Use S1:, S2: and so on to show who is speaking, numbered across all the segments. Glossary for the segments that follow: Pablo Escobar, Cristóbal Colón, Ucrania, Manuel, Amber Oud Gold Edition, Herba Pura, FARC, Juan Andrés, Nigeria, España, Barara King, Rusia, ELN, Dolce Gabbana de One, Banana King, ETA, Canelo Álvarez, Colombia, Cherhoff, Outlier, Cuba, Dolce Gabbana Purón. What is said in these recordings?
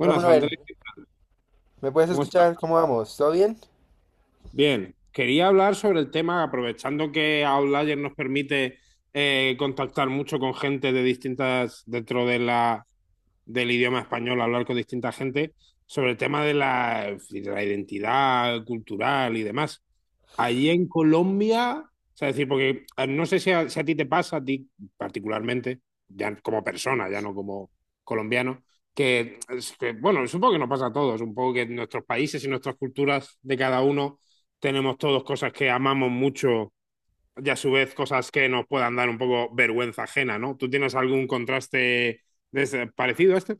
S1: Hola
S2: Andrés.
S1: Manuel, ¿me puedes
S2: ¿Cómo estás?
S1: escuchar? ¿Cómo vamos? ¿Todo bien?
S2: Bien. Quería hablar sobre el tema, aprovechando que Outlier nos permite contactar mucho con gente de distintas, dentro de la del idioma español, hablar con distinta gente sobre el tema de la identidad cultural y demás. Allí en Colombia, o sea, es decir, porque no sé si a ti te pasa, a ti particularmente, ya como persona, ya no como colombiano, que, es que, bueno, supongo que nos pasa a todos, un poco que en nuestros países y nuestras culturas de cada uno tenemos todos cosas que amamos mucho y a su vez cosas que nos puedan dar un poco vergüenza ajena, ¿no? ¿Tú tienes algún contraste parecido a este?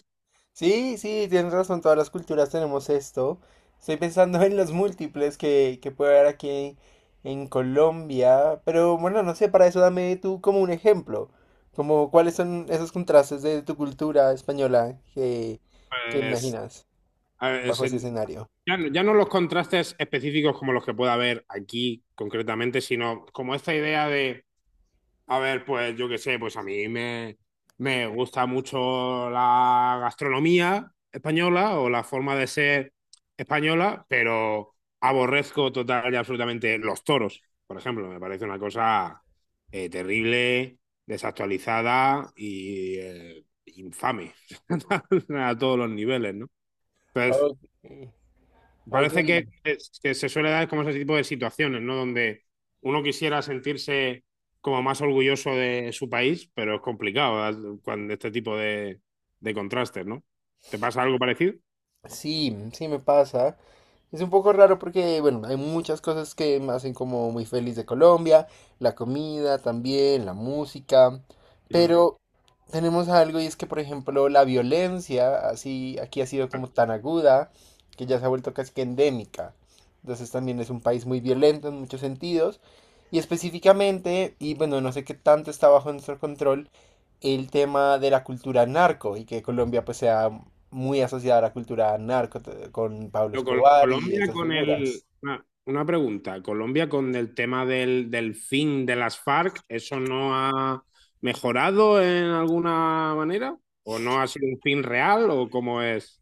S1: Sí, sí, tienes razón, todas las culturas tenemos esto. Estoy pensando en los múltiples que puede haber aquí en Colombia, pero bueno, no sé, para eso dame tú como un ejemplo, como cuáles son esos contrastes de tu cultura española que
S2: Pues,
S1: imaginas
S2: a ver,
S1: bajo ese escenario.
S2: ya, ya no los contrastes específicos como los que pueda haber aquí concretamente, sino como esta idea de, a ver, pues yo qué sé, pues a mí me gusta mucho la gastronomía española o la forma de ser española, pero aborrezco total y absolutamente los toros, por ejemplo, me parece una cosa terrible, desactualizada y infame a todos los niveles, ¿no? Entonces,
S1: Ok, ok.
S2: parece que, que se suele dar como ese tipo de situaciones, ¿no? Donde uno quisiera sentirse como más orgulloso de su país, pero es complicado, ¿verdad? Cuando este tipo de contrastes, ¿no? ¿Te pasa algo parecido?
S1: Sí, sí me pasa. Es un poco raro porque, bueno, hay muchas cosas que me hacen como muy feliz de Colombia, la comida también, la música,
S2: Ujú.
S1: pero tenemos algo y es que, por ejemplo, la violencia así aquí ha sido
S2: Claro.
S1: como tan aguda que ya se ha vuelto casi que endémica. Entonces también es un país muy violento en muchos sentidos y específicamente, y bueno, no sé qué tanto está bajo nuestro control, el tema de la cultura narco y que Colombia pues sea muy asociada a la cultura con Pablo
S2: Pero
S1: Escobar y
S2: Colombia
S1: esas
S2: con el...
S1: figuras.
S2: Una pregunta. Colombia con el tema del, del fin de las FARC, ¿eso no ha mejorado en alguna manera? ¿O no ha sido un fin real? ¿O cómo es?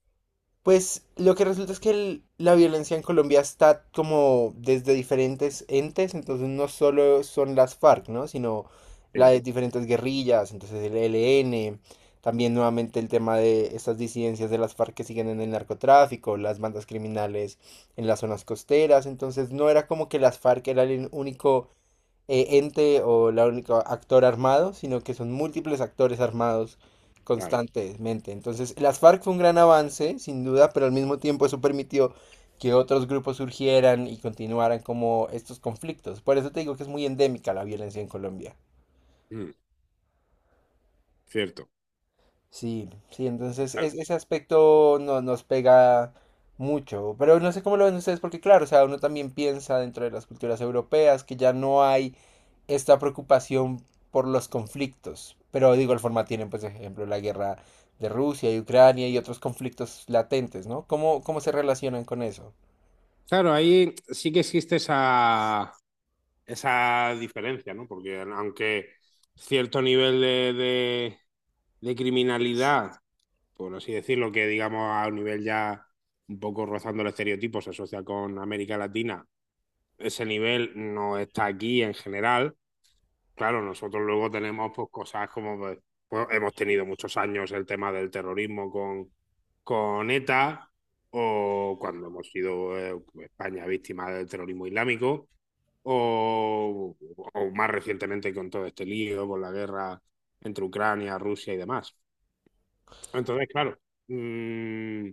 S1: Pues lo que resulta es que la violencia en Colombia está como desde diferentes entes, entonces no solo son las FARC, ¿no? Sino las
S2: Sí,
S1: de diferentes guerrillas, entonces el ELN, también nuevamente el tema de estas disidencias de las FARC que siguen en el narcotráfico, las bandas criminales en las zonas costeras, entonces no era como que las FARC era el único ente o la única actor armado, sino que son múltiples actores armados
S2: claro.
S1: constantemente. Entonces, las FARC fue un gran avance, sin duda, pero al mismo tiempo eso permitió que otros grupos surgieran y continuaran como estos conflictos. Por eso te digo que es muy endémica la violencia en Colombia.
S2: Mm, cierto.
S1: Sí, sí, entonces ese aspecto no, nos pega mucho, pero no sé cómo lo ven ustedes, porque claro, o sea, uno también piensa dentro de las culturas europeas que ya no hay esta preocupación por los conflictos, pero de igual forma tienen, pues, ejemplo, la guerra de Rusia y Ucrania y otros conflictos latentes, ¿no? ¿Cómo, cómo se relacionan con eso?
S2: Claro, ahí sí que existe esa, esa diferencia, ¿no? Porque aunque cierto nivel de criminalidad, por así decirlo, que digamos a un nivel ya un poco rozando el estereotipo, se asocia con América Latina, ese nivel no está aquí en general. Claro, nosotros luego tenemos pues, cosas como hemos tenido muchos años el tema del terrorismo con ETA o cuando hemos sido España víctima del terrorismo islámico o, o más recientemente con todo este lío, con la guerra entre Ucrania, Rusia y demás. Entonces, claro, mm,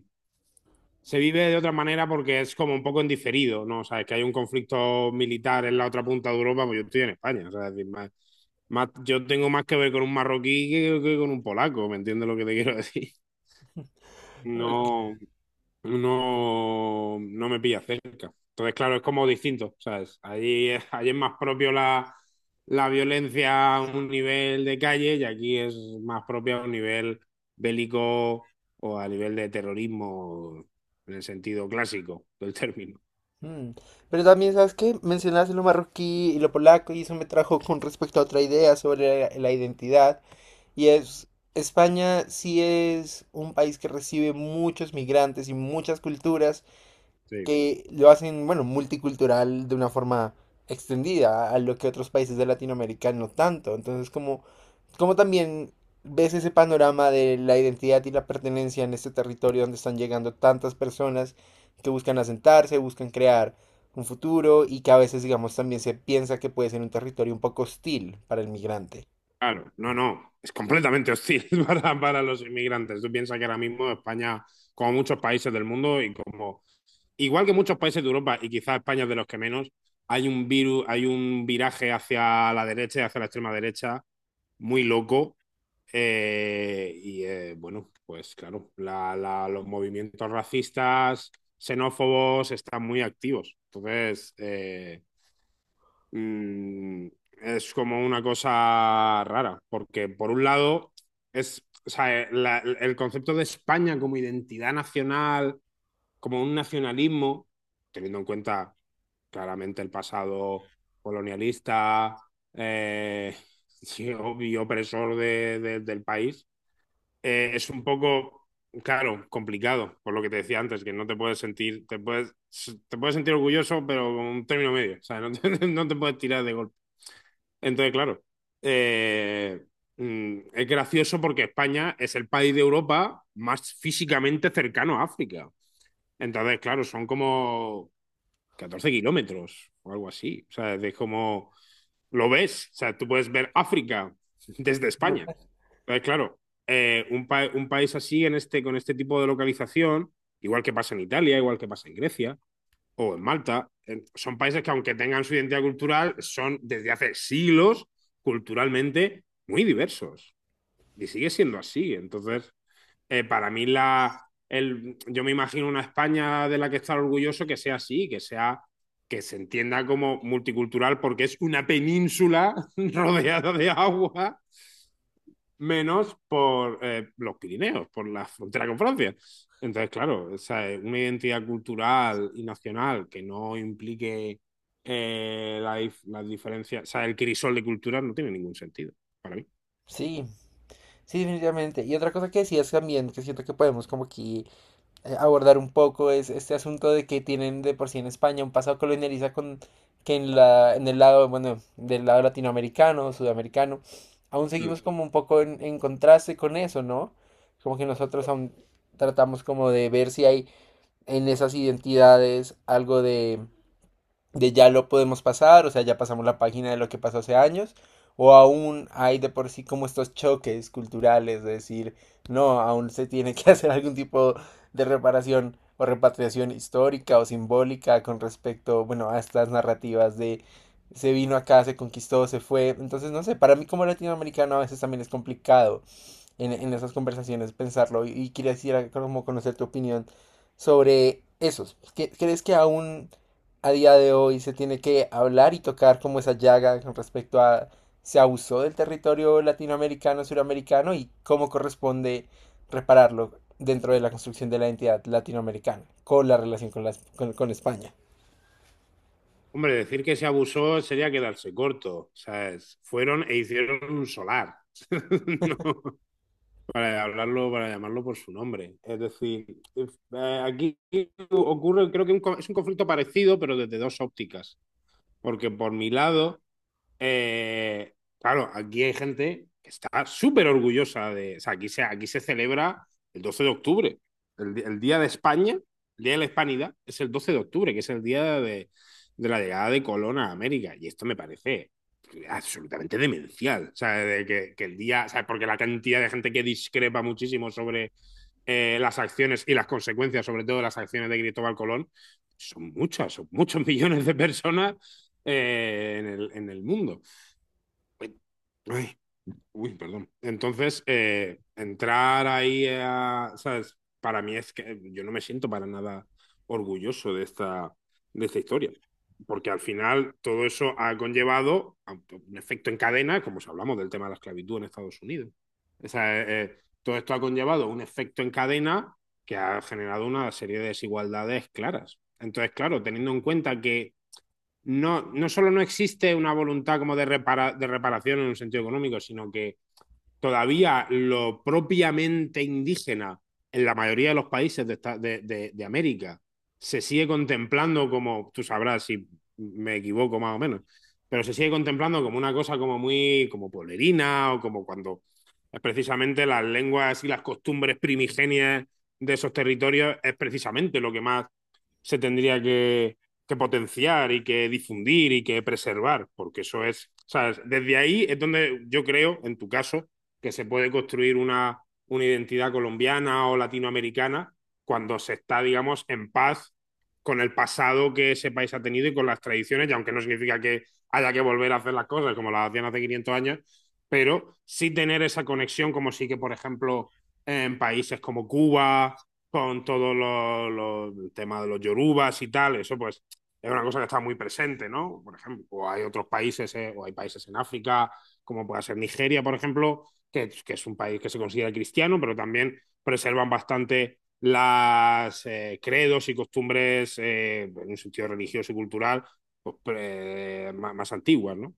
S2: se vive de otra manera porque es como un poco en diferido, ¿no? O sea, es que hay un conflicto militar en la otra punta de Europa, pues yo estoy en España, o sea, es decir, yo tengo más que ver con un marroquí que con un polaco, ¿me entiendes lo que te quiero decir?
S1: Ok.
S2: No, no, no me pilla cerca. Entonces, claro, es como distinto, ¿sabes? Allí, allí es más propio la violencia a un nivel de calle y aquí es más propio a un nivel bélico o a nivel de terrorismo en el sentido clásico del término.
S1: Mm. Pero también, ¿sabes qué? Mencionaste lo marroquí y lo polaco y eso me trajo con respecto a otra idea sobre la identidad. Y es, España sí es un país que recibe muchos migrantes y muchas culturas
S2: Sí.
S1: que lo hacen, bueno, multicultural de una forma extendida a lo que otros países de Latinoamérica no tanto. Entonces, como también ves ese panorama de la identidad y la pertenencia en este territorio donde están llegando tantas personas que buscan asentarse, buscan crear un futuro y que a veces, digamos, también se piensa que puede ser un territorio un poco hostil para el migrante.
S2: Claro, no, no, es completamente hostil para los inmigrantes. Tú piensas que ahora mismo España, como muchos países del mundo y como, igual que muchos países de Europa y quizás España es de los que menos, hay un virus, hay un viraje hacia la derecha y hacia la extrema derecha muy loco. Y bueno, pues claro, los movimientos racistas, xenófobos están muy activos. Entonces, mm, es como una cosa rara, porque por un lado es, o sea, el concepto de España como identidad nacional, como un nacionalismo, teniendo en cuenta claramente el pasado colonialista, eh, sí, obvio, opresor del país, es un poco, claro, complicado, por lo que te decía antes, que no te puedes sentir, te puedes sentir orgulloso, pero con un término medio, o sea, no te, no te puedes tirar de golpe. Entonces, claro, eh, es gracioso porque España es el país de Europa más físicamente cercano a África. Entonces, claro, son como 14 kilómetros o algo así. O sea, es como lo ves. O sea, tú puedes ver África desde España. Entonces, claro, un país así en este, con este tipo de localización, igual que pasa en Italia, igual que pasa en Grecia, o en Malta, son países que aunque tengan su identidad cultural, son desde hace siglos culturalmente muy diversos. Y sigue siendo así. Entonces, eh, para mí la, el, yo me imagino una España de la que estar orgulloso que sea así, que sea que se entienda como multicultural porque es una península rodeada de agua menos por los Pirineos, por la frontera con Francia. Entonces, claro, o sea, una identidad cultural y nacional que no implique las diferencias, o sea, el crisol de culturas no tiene ningún sentido para mí.
S1: Sí, sí, definitivamente. Y otra cosa que decías también, que siento que podemos como aquí abordar un poco, es este asunto de que tienen de por sí en España un pasado colonialista con que en en el lado, bueno, del lado latinoamericano, sudamericano, aún
S2: Mm.
S1: seguimos como un poco en contraste con eso, ¿no? Como que nosotros aún tratamos como de ver si hay en esas identidades algo de ya lo podemos pasar, o sea, ya pasamos la página de lo que pasó hace años, o aún hay de por sí como estos choques culturales de decir, no, aún se tiene que hacer algún tipo de reparación o repatriación histórica o simbólica con respecto, bueno, a estas narrativas de se vino acá, se conquistó, se fue. Entonces, no sé, para mí como latinoamericano a veces también es complicado en esas conversaciones, pensarlo y quisiera como conocer tu opinión sobre esos. ¿Crees que aún a día de hoy se tiene que hablar y tocar como esa llaga con respecto a se abusó del territorio latinoamericano, suramericano y cómo corresponde repararlo dentro de la construcción de la identidad latinoamericana con la relación con, con España?
S2: Hombre, decir que se abusó sería quedarse corto, ¿sabes? Fueron e hicieron un solar. No, para hablarlo, para llamarlo por su nombre. Es decir, aquí ocurre, creo que es un conflicto parecido, pero desde dos ópticas. Porque por mi lado, eh, claro, aquí hay gente que está súper orgullosa de. O sea, aquí se celebra el 12 de octubre. El, el Día de España, el Día de la Hispanidad, es el 12 de octubre, que es el día de la llegada de Colón a América. Y esto me parece absolutamente demencial. O sea, de que el día. O sea, porque la cantidad de gente que discrepa muchísimo sobre las acciones y las consecuencias, sobre todo de las acciones de Cristóbal Colón, son muchas, son muchos millones de personas en el mundo. Ay, uy, perdón. Entonces, entrar ahí a, ¿sabes? Para mí es que yo no me siento para nada orgulloso de esta historia, porque al final todo eso ha conllevado a un efecto en cadena, como si hablamos del tema de la esclavitud en Estados Unidos. O sea, todo esto ha conllevado un efecto en cadena que ha generado una serie de desigualdades claras. Entonces, claro, teniendo en cuenta que no, no solo no existe una voluntad como de reparación en un sentido económico, sino que todavía lo propiamente indígena en la mayoría de los países de, esta- de América se sigue contemplando como, tú sabrás si me equivoco más o menos, pero se sigue contemplando como una cosa como muy, como pueblerina o como cuando es precisamente las lenguas y las costumbres primigenias de esos territorios es precisamente lo que más se tendría que potenciar y que difundir y que preservar, porque eso es, ¿sabes? Desde ahí es donde yo creo, en tu caso, que se puede construir una identidad colombiana o latinoamericana cuando se está, digamos, en paz con el pasado que ese país ha tenido y con las tradiciones, y aunque no significa que haya que volver a hacer las cosas como las hacían hace 500 años, pero sí tener esa conexión como sí que, por ejemplo, en países como Cuba, con todo el tema de los yorubas y tal, eso pues es una cosa que está muy presente, ¿no? Por ejemplo, o hay otros países, o hay países en África, como puede ser Nigeria, por ejemplo, que es un país que se considera cristiano, pero también preservan bastante las credos y costumbres en un sentido religioso y cultural pues, más antiguas, ¿no?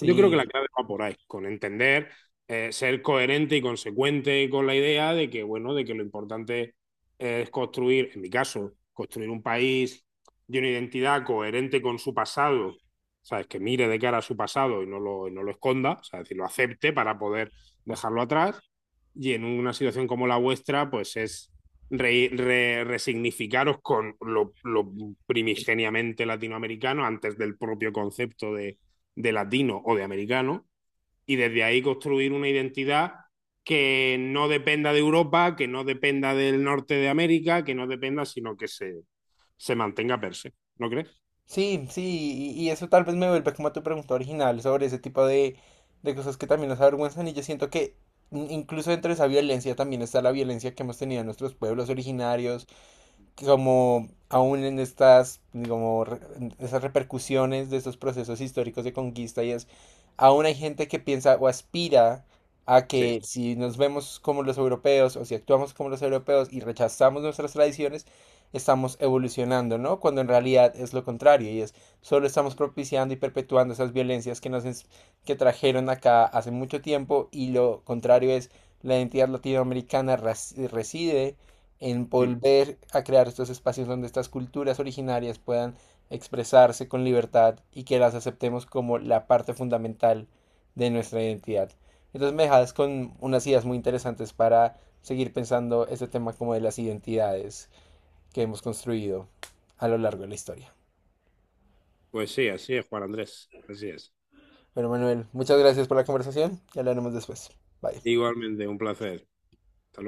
S2: Yo creo que la clave va por ahí, con entender, ser coherente y consecuente con la idea de que, bueno, de que lo importante es construir, en mi caso, construir un país de una identidad coherente con su pasado, ¿sabes? Que mire de cara a su pasado y no lo esconda, o sea, es decir, lo acepte para poder dejarlo atrás. Y en una situación como la vuestra, pues es resignificaros con lo primigeniamente latinoamericano antes del propio concepto de latino o de americano, y desde ahí construir una identidad que no dependa de Europa, que no dependa del norte de América, que no dependa, sino que se mantenga per se. ¿No crees?
S1: sí, sí, y eso tal vez me vuelve como a tu pregunta original sobre ese tipo de cosas que también nos avergüenzan y yo siento que incluso dentro de esa violencia también está la violencia que hemos tenido en nuestros pueblos originarios, como aún en estas, como en esas repercusiones de estos procesos históricos de conquista y es, aún hay gente que piensa o aspira a
S2: Sí.
S1: que si nos vemos como los europeos o si actuamos como los europeos y rechazamos nuestras tradiciones, estamos evolucionando, ¿no? Cuando en realidad es lo contrario y es, solo estamos propiciando y perpetuando esas violencias que que trajeron acá hace mucho tiempo y lo contrario es, la identidad latinoamericana reside en
S2: Mm.
S1: volver a crear estos espacios donde estas culturas originarias puedan expresarse con libertad y que las aceptemos como la parte fundamental de nuestra identidad. Entonces me dejas con unas ideas muy interesantes para seguir pensando este tema como de las identidades que hemos construido a lo largo de la historia.
S2: Pues sí, así es, Juan Andrés. Así es.
S1: Bueno, Manuel, muchas gracias por la conversación y hablaremos después. Bye.
S2: Igualmente, un placer. Hasta luego.